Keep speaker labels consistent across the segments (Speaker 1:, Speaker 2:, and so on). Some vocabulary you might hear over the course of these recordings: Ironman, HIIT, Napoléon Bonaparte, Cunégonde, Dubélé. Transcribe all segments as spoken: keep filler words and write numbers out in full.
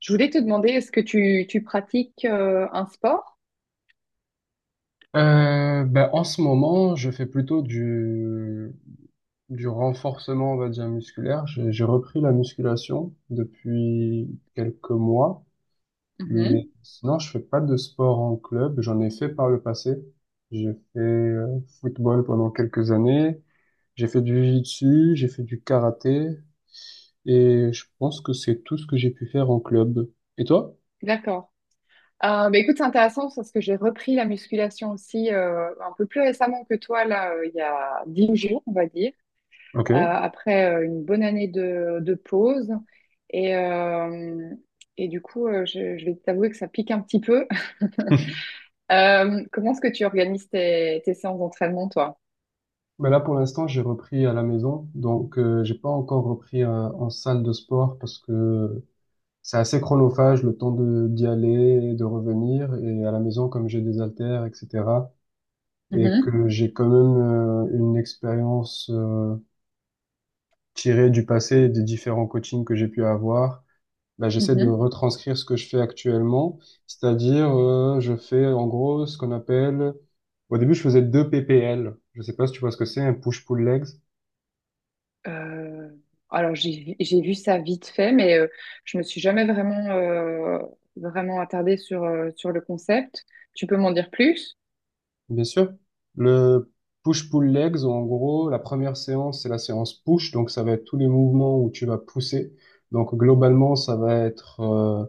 Speaker 1: Je voulais te demander, est-ce que tu, tu pratiques euh, un sport?
Speaker 2: Euh, ben, en ce moment, je fais plutôt du, du renforcement, on va dire, musculaire. J'ai j'ai repris la musculation depuis quelques mois, mais
Speaker 1: Mhm.
Speaker 2: sinon, je fais pas de sport en club. J'en ai fait par le passé. J'ai fait euh, football pendant quelques années. J'ai fait du jiu-jitsu, j'ai fait du karaté, et je pense que c'est tout ce que j'ai pu faire en club. Et toi?
Speaker 1: D'accord. Euh, bah, écoute, c'est intéressant parce que j'ai repris la musculation aussi euh, un peu plus récemment que toi, là, euh, il y a dix jours, on va dire,
Speaker 2: Ok.
Speaker 1: euh, après euh, une bonne année de, de pause. Et, euh, et du coup, euh, je, je vais t'avouer que ça pique un petit peu. Euh, comment est-ce que tu organises tes, tes séances d'entraînement, toi?
Speaker 2: Mais là, pour l'instant, j'ai repris à la maison, donc euh, j'ai pas encore repris euh, en salle de sport parce que c'est assez chronophage le temps de d'y aller, et de revenir, et à la maison, comme j'ai des haltères, et cetera, et
Speaker 1: Mhm,
Speaker 2: que j'ai quand même euh, une expérience euh, tirée du passé et des différents coachings que j'ai pu avoir, bah, j'essaie de
Speaker 1: mhm.
Speaker 2: retranscrire ce que je fais actuellement, c'est-à-dire euh, je fais en gros ce qu'on appelle, au début, je faisais deux P P L, je sais pas si tu vois ce que c'est, un push-pull legs.
Speaker 1: Euh, alors, j'ai, vu- j'ai vu ça vite fait, mais euh, je me suis jamais vraiment, euh, vraiment attardée sur, euh, sur le concept. Tu peux m'en dire plus?
Speaker 2: Bien sûr. Le push-pull legs, en gros, la première séance, c'est la séance push. Donc, ça va être tous les mouvements où tu vas pousser. Donc, globalement, ça va être euh,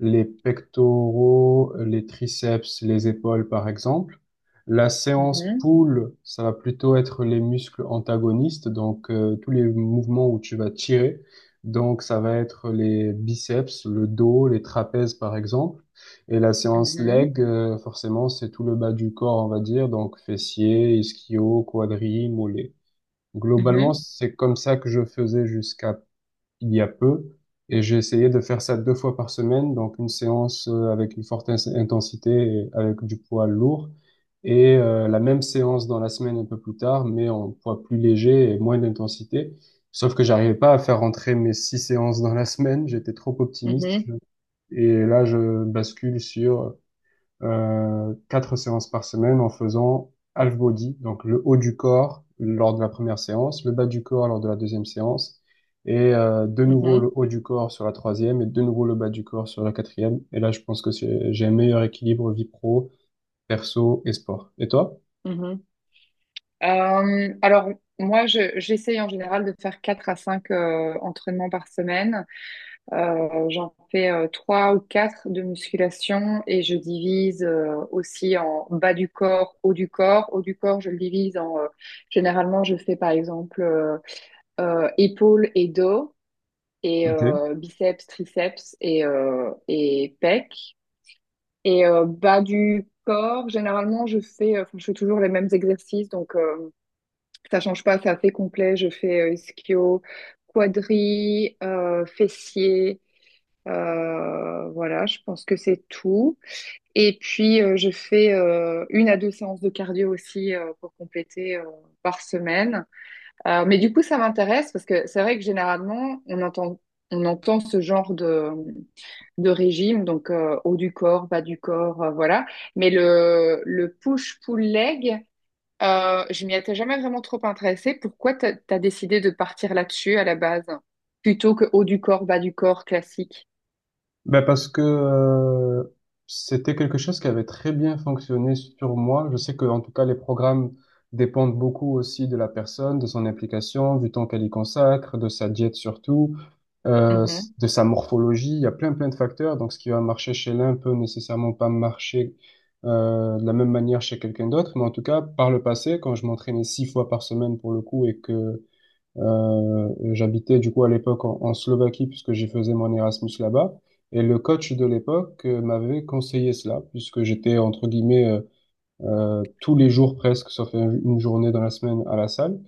Speaker 2: les pectoraux, les triceps, les épaules, par exemple. La séance
Speaker 1: Mhm,
Speaker 2: pull, ça va plutôt être les muscles antagonistes. Donc, euh, tous les mouvements où tu vas tirer. Donc, ça va être les biceps, le dos, les trapèzes, par exemple. Et la séance
Speaker 1: mhm,
Speaker 2: leg, euh, forcément, c'est tout le bas du corps, on va dire, donc fessiers, ischio, quadri, mollets. Globalement,
Speaker 1: mhm,
Speaker 2: c'est comme ça que je faisais jusqu'à il y a peu, et j'ai essayé de faire ça deux fois par semaine, donc une séance euh, avec une forte ins- intensité, et avec du poids lourd, et euh, la même séance dans la semaine un peu plus tard, mais en poids plus léger et moins d'intensité. Sauf que j'arrivais pas à faire rentrer mes six séances dans la semaine, j'étais trop optimiste,
Speaker 1: mhm,
Speaker 2: je- et là, je bascule sur euh, quatre séances par semaine en faisant half body, donc le haut du corps lors de la première séance, le bas du corps lors de la deuxième séance, et euh, de nouveau
Speaker 1: mhm,
Speaker 2: le haut du corps sur la troisième, et de nouveau le bas du corps sur la quatrième. Et là, je pense que c'est- j'ai un meilleur équilibre vie pro, perso et sport. Et toi?
Speaker 1: mhm. Euh, alors, moi, je- j'essaye en général de faire quatre à cinq euh, entraînements par semaine. Euh, j'en fais euh, trois ou quatre de musculation et je divise euh, aussi en bas du corps, haut du corps. Haut du corps, je le divise en... euh, généralement, je fais par exemple euh, euh, épaules et dos et
Speaker 2: Ok.
Speaker 1: euh, biceps, triceps et, euh, et pecs. Et euh, bas du corps, généralement, je fais, euh, enfin, je fais toujours les mêmes exercices, donc euh, ça change pas, c'est assez complet. Je fais euh, ischio, quadri, euh, fessier. Euh, voilà, je pense que c'est tout. Et puis, euh, je fais euh, une à deux séances de cardio aussi euh, pour compléter euh, par semaine. Euh, mais du coup, ça m'intéresse parce que c'est vrai que généralement, on entend, on entend ce genre de, de régime, donc euh, haut du corps, bas du corps, euh, voilà. Mais le, le push-pull-leg, euh, je m'y étais jamais vraiment trop intéressée. Pourquoi t'as, t'as décidé de partir là-dessus à la base, plutôt que haut du corps, bas du corps classique?
Speaker 2: Ben parce que euh, c'était quelque chose qui avait très bien fonctionné sur moi. Je sais que en tout cas les programmes dépendent beaucoup aussi de la personne, de son implication, du temps qu'elle y consacre, de sa diète surtout, euh,
Speaker 1: Mm-hmm.
Speaker 2: s- de sa morphologie. Il y a plein plein de facteurs. Donc ce qui va marcher chez l'un peut nécessairement pas marcher euh, de la même manière chez quelqu'un d'autre. Mais en tout cas par le passé, quand je m'entraînais six fois par semaine pour le coup et que euh, j'habitais du coup à l'époque en, en Slovaquie puisque j'y faisais mon Erasmus là-bas. Et le coach de l'époque euh, m'avait conseillé cela puisque j'étais entre guillemets euh, euh, tous les jours presque, sauf un- une journée dans la semaine à la salle.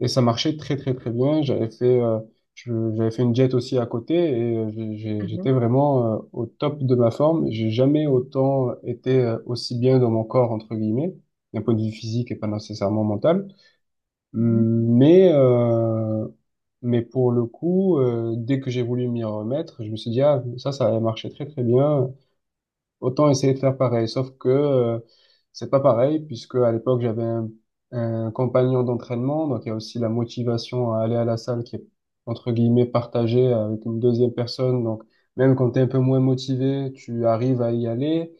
Speaker 2: Et ça marchait très très très bien. J'avais fait, euh, je- j'avais fait une diète aussi à côté et euh, j'ai- j'ai- j'étais
Speaker 1: Mhm,
Speaker 2: vraiment euh, au top de ma forme. J'ai jamais autant été euh, aussi bien dans mon corps entre guillemets, d'un point de vue physique et pas nécessairement mental.
Speaker 1: mhm.
Speaker 2: Mais, euh, mais pour le coup, euh, dès que j'ai voulu m'y remettre, je me suis dit, ah, ça, ça avait marché très très bien. Autant essayer de faire pareil, sauf que euh, c'est pas pareil, puisque à l'époque j'avais un, un compagnon d'entraînement, donc il y a aussi la motivation à aller à la salle qui est entre guillemets partagée avec une deuxième personne. Donc même quand tu es un peu moins motivé, tu arrives à y aller.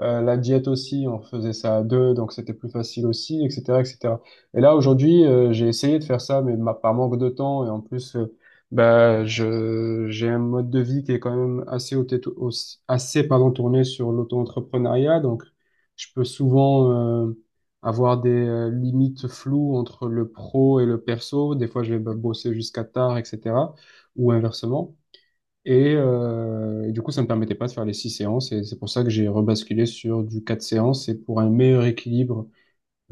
Speaker 2: Euh, la diète aussi, on faisait ça à deux, donc c'était plus facile aussi, et cetera, et cetera. Et cetera. Et là aujourd'hui, euh, j'ai essayé de faire ça, mais ma- par manque de temps et en plus euh, bah, je, j'ai un mode de vie qui est quand même assez, au- au- assez pardon, tourné sur l'auto-entrepreneuriat. Donc, je peux souvent euh, avoir des euh, limites floues entre le pro et le perso. Des fois, je vais bah, bosser jusqu'à tard, et cetera. Ou inversement. Et, euh, et du coup, ça ne me permettait pas de faire les six séances. Et c'est pour ça que j'ai rebasculé sur du quatre séances. Et pour un meilleur équilibre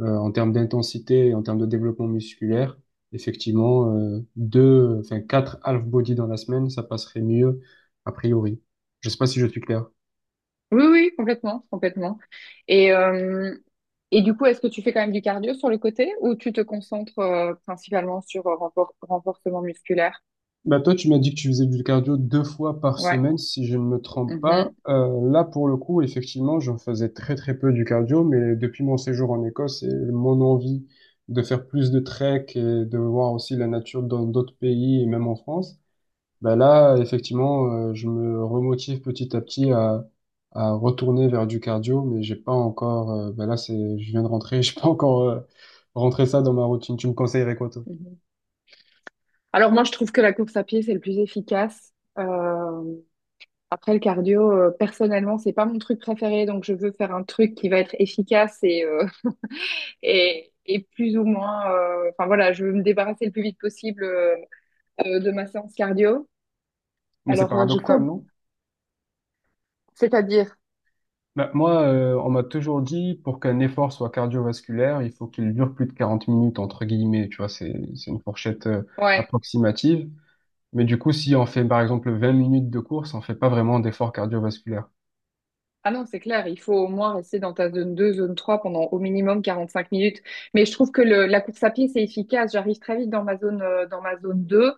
Speaker 2: euh, en termes d'intensité, et en termes de développement musculaire, effectivement, euh, deux, enfin quatre half body dans la semaine, ça passerait mieux a priori. Je sais pas si je suis clair.
Speaker 1: Oui, oui, complètement, complètement. Et, euh, et du coup, est-ce que tu fais quand même du cardio sur le côté ou tu te concentres euh, principalement sur euh, renfor- renforcement musculaire?
Speaker 2: Bah toi, tu m'as dit que tu faisais du cardio deux fois par
Speaker 1: Ouais.
Speaker 2: semaine, si je ne me trompe pas.
Speaker 1: Mhm,
Speaker 2: Euh, là, pour le coup, effectivement, j'en faisais très très peu du cardio, mais depuis mon séjour en Écosse et mon envie de faire plus de trek et de voir aussi la nature dans d'autres pays et même en France, ben là, effectivement, euh, je me remotive petit à petit à, à retourner vers du cardio, mais j'ai pas encore. Euh, ben là, c'est, je viens de rentrer, j'ai pas encore euh, rentré ça dans ma routine. Tu me conseillerais quoi, toi?
Speaker 1: mhm. Alors moi, je trouve que la course à pied, c'est le plus efficace. Euh, Après, le cardio, euh, personnellement, c'est pas mon truc préféré, donc je veux faire un truc qui va être efficace et, euh, et, et plus ou moins, euh, enfin voilà, je veux me débarrasser le plus vite possible euh, euh, de ma séance cardio.
Speaker 2: Mais c'est
Speaker 1: Alors, euh, je
Speaker 2: paradoxal,
Speaker 1: cours.
Speaker 2: non?
Speaker 1: C'est-à-dire.
Speaker 2: Ben, moi, euh, on m'a toujours dit pour qu'un effort soit cardiovasculaire, il faut qu'il dure plus de quarante minutes entre guillemets. Tu vois, c'est c'est une fourchette euh,
Speaker 1: Ouais.
Speaker 2: approximative. Mais du coup, si on fait par exemple vingt minutes de course, on fait pas vraiment d'effort cardiovasculaire.
Speaker 1: Ah non, c'est clair, il faut au moins rester dans ta zone deux, zone trois pendant au minimum quarante-cinq minutes. Mais je trouve que le, la course à pied, c'est efficace. J'arrive très vite dans ma zone, euh, dans ma zone deux.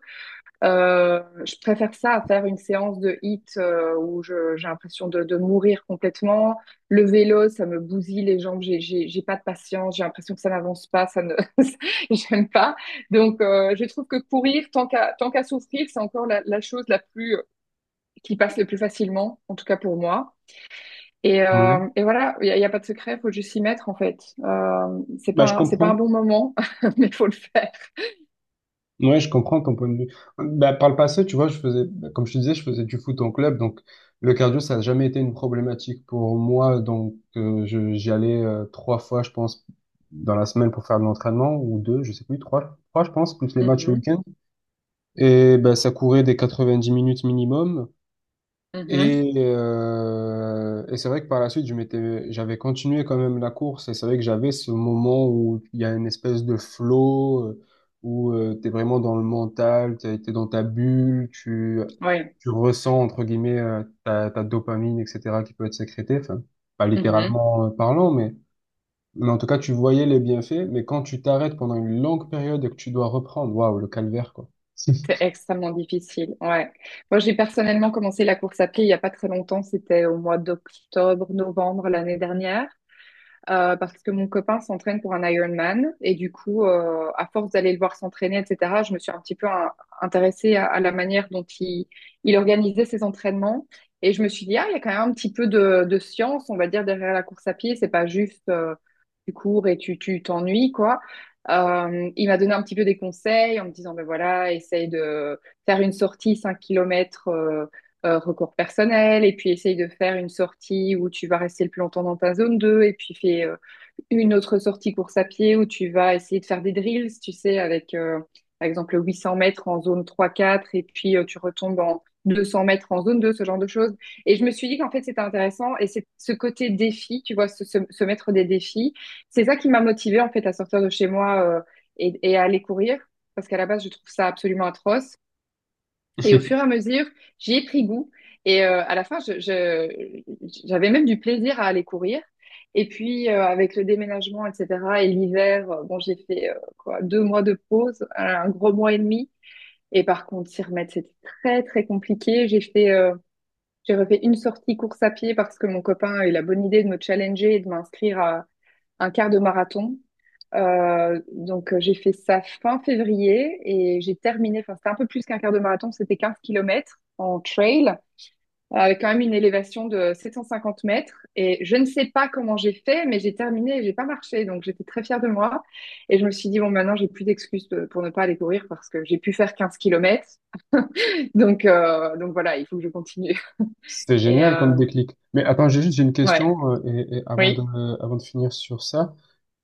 Speaker 1: Euh, je préfère ça à faire une séance de hit euh, où je, j'ai l'impression de, de mourir complètement. Le vélo, ça me bousille les jambes, j'ai, j'ai, j'ai pas de patience, j'ai l'impression que ça n'avance pas, ça ne, j'aime pas. Donc, euh, je trouve que courir, tant qu'à, tant qu'à souffrir, c'est encore la, la chose la plus, euh, qui passe le plus facilement, en tout cas pour moi. Et,
Speaker 2: Ouais.
Speaker 1: euh, et voilà, il n'y a, y a pas de secret, faut juste s'y mettre en fait. Euh, c'est
Speaker 2: Bah, je
Speaker 1: pas, c'est pas un
Speaker 2: comprends.
Speaker 1: bon moment, mais faut le faire.
Speaker 2: Ouais, je comprends ton point de vue. Bah, par le passé, tu vois, je faisais, bah, comme je te disais, je faisais du foot en club, donc le cardio, ça n'a jamais été une problématique pour moi. Donc, euh, je- j'y allais euh, trois fois, je pense, dans la semaine pour faire de l'entraînement, ou deux, je sais plus, trois, trois, je pense, plus les matchs le
Speaker 1: Mhm,
Speaker 2: week-end. Et bah, ça courait des quatre-vingt-dix minutes minimum.
Speaker 1: mhm,
Speaker 2: Et, euh, et c'est vrai que par la suite, je m'étais, j'avais continué quand même la course. Et c'est vrai que j'avais ce moment où il y a une espèce de flow, euh, où tu t'es vraiment dans le mental, t'es, t'es dans ta bulle, tu,
Speaker 1: ouais,
Speaker 2: tu ressens, entre guillemets, euh, ta, ta dopamine, et cetera, qui peut être sécrétée. Enfin, pas
Speaker 1: mhm.
Speaker 2: littéralement euh, parlant, mais, mais en tout cas, tu voyais les bienfaits. Mais quand tu t'arrêtes pendant une longue période et que tu dois reprendre, waouh, le calvaire, quoi.
Speaker 1: C'est extrêmement difficile. Ouais. Moi, j'ai personnellement commencé la course à pied il n'y a pas très longtemps. C'était au mois d'octobre, novembre l'année dernière. Euh, parce que mon copain s'entraîne pour un Ironman et du coup, euh, à force d'aller le voir s'entraîner, et cetera, je me suis un petit peu hein, intéressée à, à la manière dont il, il organisait ses entraînements et je me suis dit, ah, il y a quand même un petit peu de, de science, on va dire, derrière la course à pied, c'est pas juste euh, tu cours et tu tu t'ennuies, quoi. Euh, il m'a donné un petit peu des conseils en me disant, ben voilà, essaye de faire une sortie cinq kilomètres. Euh, euh, recours personnel, et puis essaye de faire une sortie où tu vas rester le plus longtemps dans ta zone deux et puis fais euh, une autre sortie course à pied où tu vas essayer de faire des drills, tu sais, avec euh, par exemple 800 mètres en zone trois quatre et puis euh, tu retombes en 200 mètres en zone deux, ce genre de choses. Et je me suis dit qu'en fait, c'était intéressant, et c'est ce côté défi, tu vois, se, se- se mettre des défis, c'est ça qui m'a motivée en fait à sortir de chez moi euh, et, et à aller courir, parce qu'à la base, je trouve ça absolument atroce. Et au fur et à mesure, j'y ai pris goût. Et euh, à la fin, je, je- j'avais même du plaisir à aller courir. Et puis, euh, avec le déménagement, et cetera, et l'hiver, euh, bon, j'ai fait euh, quoi, deux mois de pause, un gros mois et demi. Et par contre, s'y remettre, c'était très, très compliqué. J'ai fait, euh, j'ai refait une sortie course à pied parce que mon copain a eu la bonne idée de me challenger et de m'inscrire à un quart de marathon. Euh, donc, euh, j'ai fait ça fin février et j'ai terminé, enfin, c'était un peu plus qu'un quart de marathon, c'était quinze kilomètres en trail, euh, avec quand même une élévation de sept cent cinquante mètres. Et je ne sais pas comment j'ai fait, mais j'ai terminé et j'ai pas marché. Donc, j'étais très fière de moi. Et je me suis dit, bon, maintenant, j'ai plus d'excuses de- pour ne pas aller courir parce que j'ai pu faire quinze kilomètres. Donc, euh, donc voilà, il faut que je continue.
Speaker 2: C'était
Speaker 1: Et
Speaker 2: génial comme
Speaker 1: euh,
Speaker 2: déclic. Mais attends, j'ai juste j'ai une
Speaker 1: ouais,
Speaker 2: question euh, et, et avant de
Speaker 1: oui,
Speaker 2: euh, avant de finir sur ça.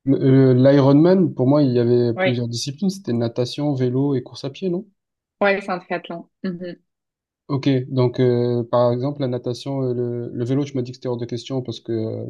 Speaker 2: Le- euh, L'Ironman pour moi il y avait
Speaker 1: oui,
Speaker 2: plusieurs disciplines, c'était natation, vélo et course à pied, non?
Speaker 1: ouais, c'est un triathlon. Mhm,
Speaker 2: Ok, donc euh, par exemple la natation, euh, le, le vélo, tu m'as dit que c'était hors de question parce que euh,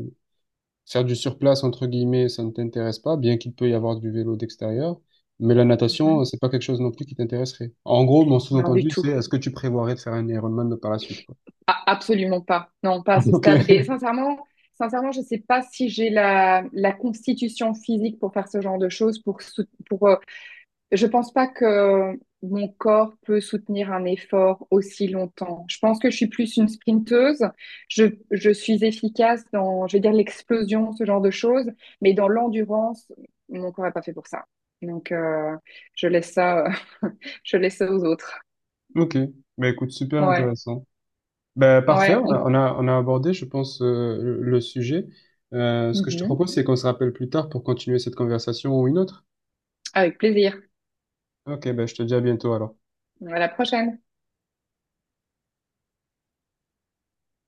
Speaker 2: faire du surplace entre guillemets, ça ne t'intéresse pas, bien qu'il peut y avoir du vélo d'extérieur, mais la natation, euh,
Speaker 1: mhm.
Speaker 2: c'est pas quelque chose non plus qui t'intéresserait. En gros, mon
Speaker 1: Non, du
Speaker 2: sous-entendu, c'est
Speaker 1: tout.
Speaker 2: est-ce que tu prévoirais de faire un Ironman par la suite, quoi.
Speaker 1: Ah, absolument pas. Non, pas à ce
Speaker 2: Ok,
Speaker 1: stade. Et sincèrement, sincèrement, je ne sais pas si j'ai la, la constitution physique pour faire ce genre de choses. Pour, sou- pour, euh, je pense pas que mon corps peut soutenir un effort aussi longtemps. Je pense que je suis plus une sprinteuse. Je, je suis efficace dans, je vais dire, l'explosion, ce genre de choses. Mais dans l'endurance, mon corps n'est pas fait pour ça. Donc, euh, je laisse ça, euh, je laisse ça aux autres.
Speaker 2: ok, mais écoute, super
Speaker 1: Ouais,
Speaker 2: intéressant. Ben, parfait,
Speaker 1: ouais.
Speaker 2: on a,
Speaker 1: on-
Speaker 2: on a, on a abordé, je pense, euh, le le sujet. Euh, ce que je te
Speaker 1: Mhm.
Speaker 2: propose, c'est qu'on se rappelle plus tard pour continuer cette conversation ou une autre.
Speaker 1: Avec plaisir.
Speaker 2: Ok, ben, je te dis à bientôt alors.
Speaker 1: À la prochaine.